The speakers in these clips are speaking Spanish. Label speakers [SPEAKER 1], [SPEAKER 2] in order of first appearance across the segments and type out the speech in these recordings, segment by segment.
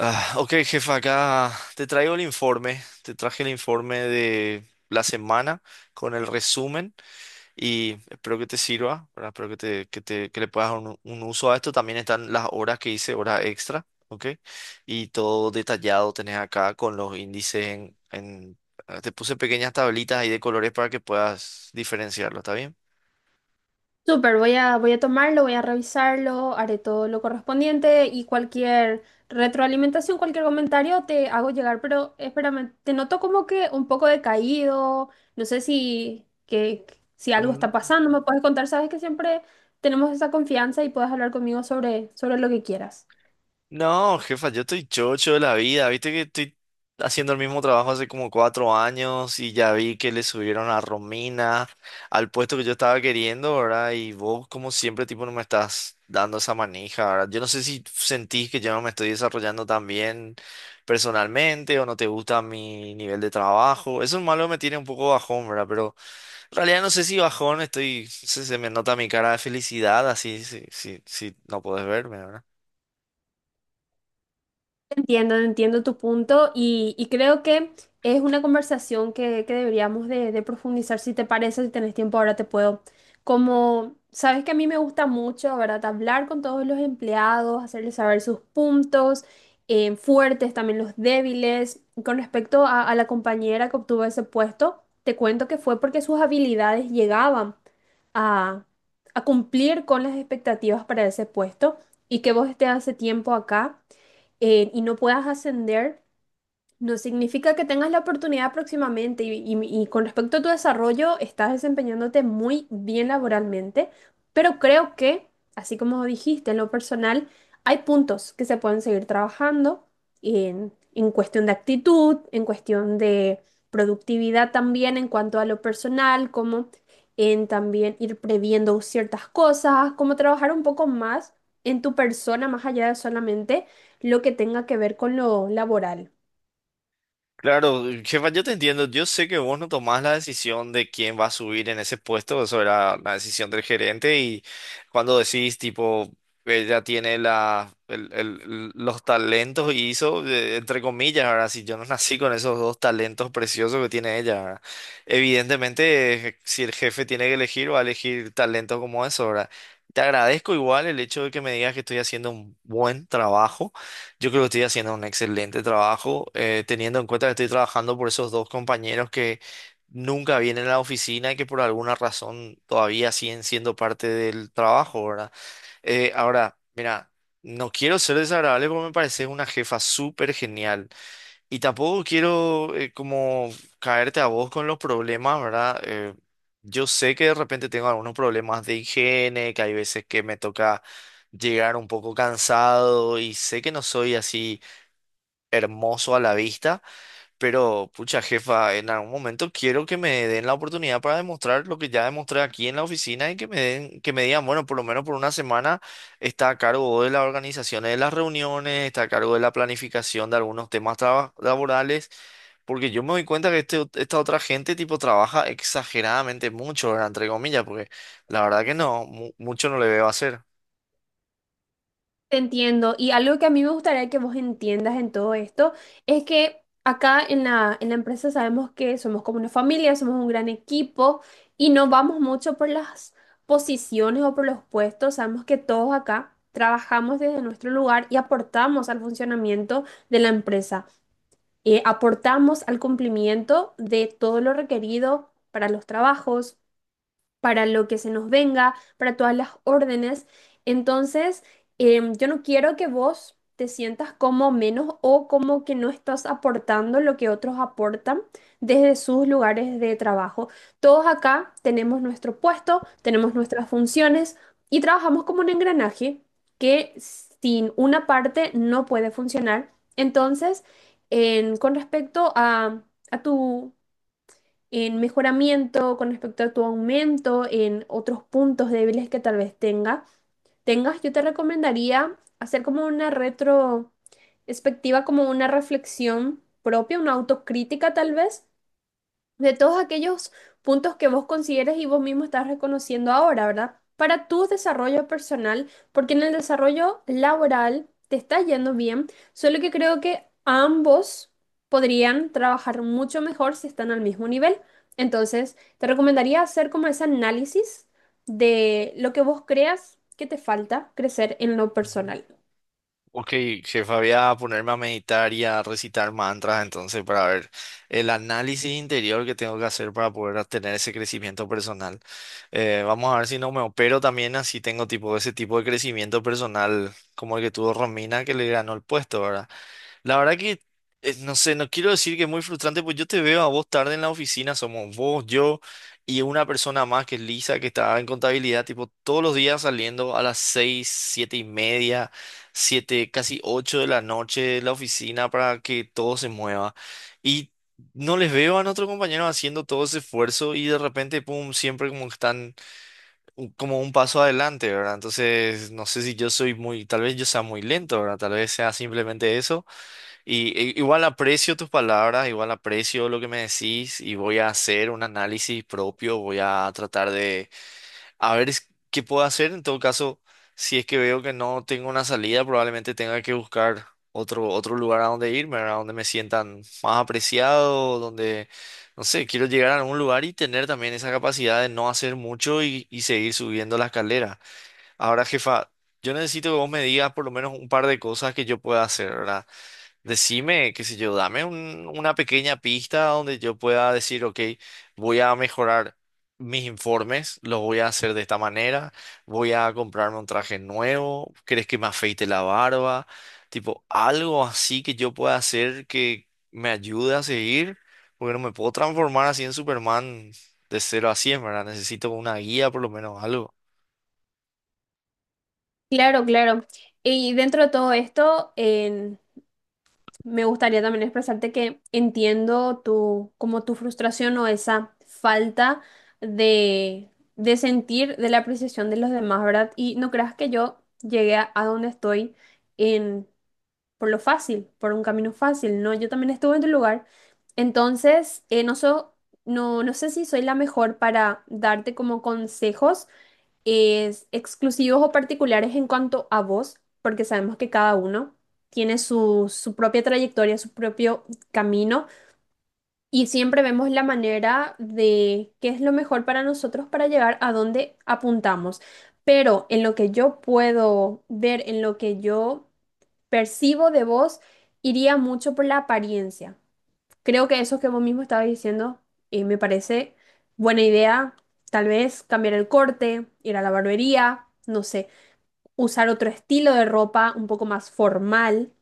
[SPEAKER 1] Ah, ok, jefa, acá te traigo el informe. Te traje el informe de la semana con el resumen y espero que te sirva, ¿verdad? Espero que le puedas dar un uso a esto. También están las horas que hice, horas extra, ¿ok? Y todo detallado tenés acá con los índices te puse pequeñas tablitas ahí de colores para que puedas diferenciarlo, ¿está bien?
[SPEAKER 2] Súper, voy a tomarlo, voy a revisarlo, haré todo lo correspondiente y cualquier retroalimentación, cualquier comentario te hago llegar. Pero espérame, te noto como que un poco decaído, no sé si algo está
[SPEAKER 1] No,
[SPEAKER 2] pasando, me puedes contar, sabes que siempre tenemos esa confianza y puedes hablar conmigo sobre lo que quieras.
[SPEAKER 1] no, jefa, yo estoy chocho de la vida. Viste que estoy haciendo el mismo trabajo hace como 4 años y ya vi que le subieron a Romina al puesto que yo estaba queriendo, ¿verdad? Y vos, como siempre, tipo, no me estás dando esa manija, ¿verdad? Yo no sé si sentís que yo no me estoy desarrollando tan bien personalmente o no te gusta mi nivel de trabajo. Eso es malo que me tiene un poco bajón, ¿verdad? Pero en realidad no sé si bajón estoy, se me nota mi cara de felicidad, así, si no podés verme.
[SPEAKER 2] Entiendo, entiendo tu punto y creo que es una conversación que deberíamos de profundizar, si te parece, si tenés tiempo ahora te puedo. Como sabes que a mí me gusta mucho, ¿verdad? Hablar con todos los empleados, hacerles saber sus puntos fuertes, también los débiles. Con respecto a la compañera que obtuvo ese puesto, te cuento que fue porque sus habilidades llegaban a, a cumplir con las expectativas para ese puesto, y que vos estés hace tiempo acá, y no puedas ascender, no significa que tengas la oportunidad próximamente. Y con respecto a tu desarrollo, estás desempeñándote muy bien laboralmente, pero creo que, así como dijiste en lo personal, hay puntos que se pueden seguir trabajando en cuestión de actitud, en cuestión de productividad, también en cuanto a lo personal, como en también ir previendo ciertas cosas, como trabajar un poco más en tu persona, más allá de solamente lo que tenga que ver con lo laboral.
[SPEAKER 1] Claro, jefa, yo te entiendo. Yo sé que vos no tomás la decisión de quién va a subir en ese puesto. Eso era la decisión del gerente. Y cuando decís, tipo, ella tiene los talentos y hizo, entre comillas, ahora, si yo no nací con esos dos talentos preciosos que tiene ella, ¿verdad? Evidentemente, si el jefe tiene que elegir, va a elegir talentos como eso, ¿verdad? Te agradezco igual el hecho de que me digas que estoy haciendo un buen trabajo. Yo creo que estoy haciendo un excelente trabajo, teniendo en cuenta que estoy trabajando por esos dos compañeros que nunca vienen a la oficina y que por alguna razón todavía siguen siendo parte del trabajo, ¿verdad? Ahora, mira, no quiero ser desagradable porque me parece una jefa súper genial. Y tampoco quiero como caerte a vos con los problemas, ¿verdad? Yo sé que de repente tengo algunos problemas de higiene, que hay veces que me toca llegar un poco cansado y sé que no soy así hermoso a la vista, pero pucha jefa, en algún momento quiero que me den la oportunidad para demostrar lo que ya demostré aquí en la oficina y que me den, que me digan, bueno, por lo menos por una semana está a cargo de la organización de las reuniones, está a cargo de la planificación de algunos temas laborales. Porque yo me doy cuenta que esta otra gente tipo trabaja exageradamente mucho, ¿verdad? Entre comillas, porque la verdad que no, mucho no le veo hacer.
[SPEAKER 2] Te entiendo. Y algo que a mí me gustaría que vos entiendas en todo esto es que acá en en la empresa sabemos que somos como una familia, somos un gran equipo y no vamos mucho por las posiciones o por los puestos. Sabemos que todos acá trabajamos desde nuestro lugar y aportamos al funcionamiento de la empresa. Aportamos al cumplimiento de todo lo requerido para los trabajos, para lo que se nos venga, para todas las órdenes. Entonces, yo no quiero que vos te sientas como menos o como que no estás aportando lo que otros aportan desde sus lugares de trabajo. Todos acá tenemos nuestro puesto, tenemos nuestras funciones y trabajamos como un engranaje que sin una parte no puede funcionar. Entonces, con respecto a tu en mejoramiento con respecto a tu aumento, en otros puntos débiles que tal vez tengas, yo te recomendaría hacer como una retrospectiva, como una reflexión propia, una autocrítica tal vez, de todos aquellos puntos que vos consideres y vos mismo estás reconociendo ahora, ¿verdad? Para tu desarrollo personal, porque en el desarrollo laboral te está yendo bien, solo que creo que ambos podrían trabajar mucho mejor si están al mismo nivel. Entonces, te recomendaría hacer como ese análisis de lo que vos creas que te falta crecer en lo personal.
[SPEAKER 1] Ok, jefa, voy a ponerme a meditar y a recitar mantras entonces para ver el análisis interior que tengo que hacer para poder tener ese crecimiento personal. Vamos a ver si no me opero también así tengo tipo ese tipo de crecimiento personal como el que tuvo Romina que le ganó el puesto, ¿verdad? La verdad que, no sé, no quiero decir que es muy frustrante, pues yo te veo a vos tarde en la oficina, somos vos, yo y una persona más que es Lisa, que está en contabilidad, tipo todos los días saliendo a las 6, 7:30, 7, casi 8 de la noche de la oficina para que todo se mueva. Y no les veo a nuestros compañeros haciendo todo ese esfuerzo y de repente, pum, siempre como que están como un paso adelante, ¿verdad? Entonces, no sé si yo soy muy, tal vez yo sea muy lento, ¿verdad? Tal vez sea simplemente eso. Y igual aprecio tus palabras, igual aprecio lo que me decís y voy a hacer un análisis propio, voy a tratar de a ver qué puedo hacer. En todo caso, si es que veo que no tengo una salida, probablemente tenga que buscar otro lugar a donde irme, a donde me sientan más apreciado, donde, no sé, quiero llegar a algún lugar y tener también esa capacidad de no hacer mucho y seguir subiendo la escalera. Ahora, jefa, yo necesito que vos me digas por lo menos un par de cosas que yo pueda hacer, ¿verdad? Decime, qué sé yo, dame una pequeña pista donde yo pueda decir, ok, voy a mejorar mis informes, los voy a hacer de esta manera, voy a comprarme un traje nuevo, ¿crees que me afeite la barba? Tipo, algo así que yo pueda hacer que me ayude a seguir, porque no me puedo transformar así en Superman de 0 a 100, ¿verdad? Necesito una guía, por lo menos algo.
[SPEAKER 2] Claro, claro. Y dentro de todo esto, en me gustaría también expresarte que entiendo tu, como tu frustración o esa falta de sentir de la apreciación de los demás, ¿verdad? Y no creas que yo llegué a donde estoy en, por lo fácil, por un camino fácil, ¿no? Yo también estuve en tu lugar. Entonces, no sé si soy la mejor para darte como consejos, es exclusivos o particulares en cuanto a vos, porque sabemos que cada uno tiene su propia trayectoria, su propio camino, y siempre vemos la manera de qué es lo mejor para nosotros para llegar a donde apuntamos. Pero en lo que yo puedo ver, en lo que yo percibo de vos, iría mucho por la apariencia. Creo que eso que vos mismo estabas diciendo me parece buena idea. Tal vez cambiar el corte, ir a la barbería, no sé, usar otro estilo de ropa un poco más formal.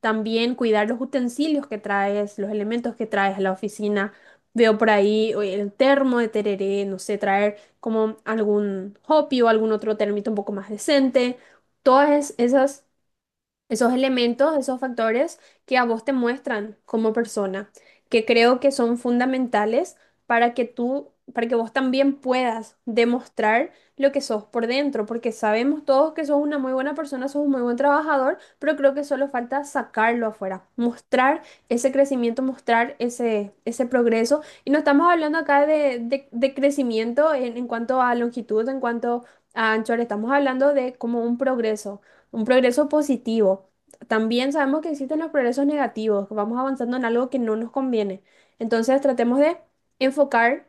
[SPEAKER 2] También cuidar los utensilios que traes, los elementos que traes a la oficina. Veo por ahí, oye, el termo de tereré, no sé, traer como algún hopi o algún otro termito un poco más decente. Esas, esos elementos, esos factores que a vos te muestran como persona, que creo que son fundamentales para que para que vos también puedas demostrar lo que sos por dentro, porque sabemos todos que sos una muy buena persona, sos un muy buen trabajador, pero creo que solo falta sacarlo afuera, mostrar ese crecimiento, mostrar ese progreso. Y no estamos hablando acá de crecimiento en cuanto a longitud, en cuanto a anchura, estamos hablando de como un progreso, un progreso positivo. También sabemos que existen los progresos negativos, que vamos avanzando en algo que no nos conviene. Entonces tratemos de enfocar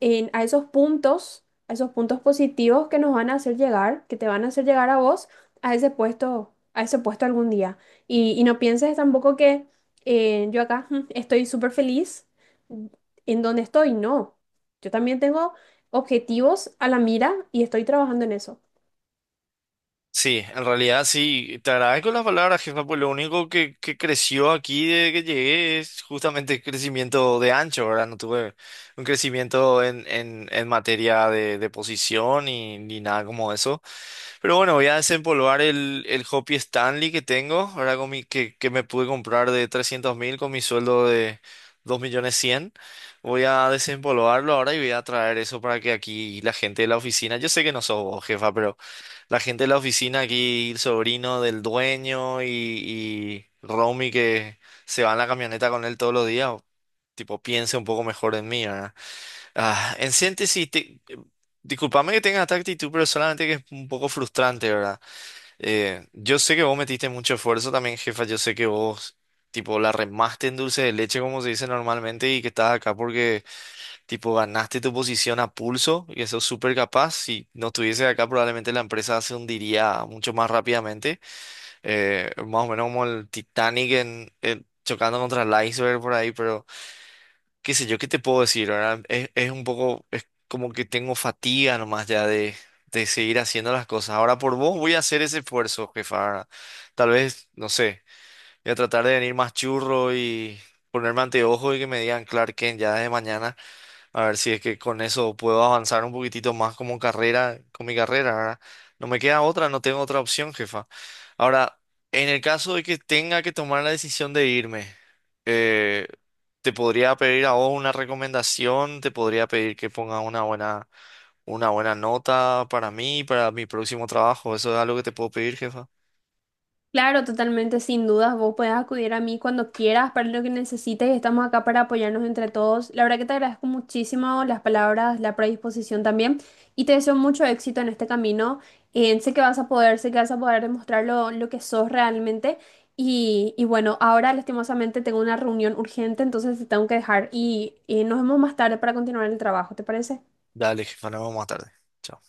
[SPEAKER 2] a esos puntos positivos que nos van a hacer llegar, que te van a hacer llegar a vos a ese puesto algún día. Y no pienses tampoco que yo acá estoy súper feliz en donde estoy. No, yo también tengo objetivos a la mira y estoy trabajando en eso.
[SPEAKER 1] Sí, en realidad sí, te agradezco las palabras, jefa, pues lo único que creció aquí desde que llegué es justamente el crecimiento de ancho, ¿verdad? No tuve un crecimiento en materia de posición y, ni nada como eso. Pero bueno, voy a desempolvar el Hopi Stanley que tengo, ahora con que me pude comprar de 300.000 con mi sueldo de 2.000.100. Voy a desempolvarlo ahora y voy a traer eso para que aquí la gente de la oficina, yo sé que no sos vos, jefa, pero... La gente de la oficina aquí, el sobrino del dueño y Romy que se va en la camioneta con él todos los días, o- tipo, piense un poco mejor en mí, ¿verdad? Ah, en síntesis, discúlpame que tenga esta actitud, pero solamente que es un poco frustrante, ¿verdad? Yo sé que vos metiste mucho esfuerzo también, jefa, yo sé que vos, tipo, la remaste en dulce de leche, como se dice normalmente, y que estás acá porque tipo, ganaste tu posición a pulso y eso es súper capaz. Si no estuviese acá, probablemente la empresa se hundiría mucho más rápidamente. Más o menos como el Titanic chocando contra el iceberg por ahí, pero qué sé yo, ¿qué te puedo decir, ¿verdad? Es un poco, es como que tengo fatiga nomás ya de seguir haciendo las cosas. Ahora por vos voy a hacer ese esfuerzo, jefa, ¿verdad? Tal vez, no sé, voy a tratar de venir más churro y ponerme anteojos y que me digan Clark Kent ya desde mañana. A ver si es que con eso puedo avanzar un poquitito más como carrera, con mi carrera, ¿verdad? No me queda otra, no tengo otra opción, jefa. Ahora, en el caso de que tenga que tomar la decisión de irme, eh, te podría pedir a vos una recomendación, te podría pedir que pongas una buena nota para mí, para mi próximo trabajo. Eso es algo que te puedo pedir, jefa.
[SPEAKER 2] Claro, totalmente, sin dudas, vos puedes acudir a mí cuando quieras para lo que necesites, y estamos acá para apoyarnos entre todos. La verdad que te agradezco muchísimo las palabras, la predisposición también, y te deseo mucho éxito en este camino. Sé que vas a poder, sé que vas a poder demostrar lo que sos realmente. Y bueno, ahora lastimosamente tengo una reunión urgente, entonces te tengo que dejar, y nos vemos más tarde para continuar el trabajo, ¿te parece?
[SPEAKER 1] Dale, jefa, nos vemos más tarde. Chao.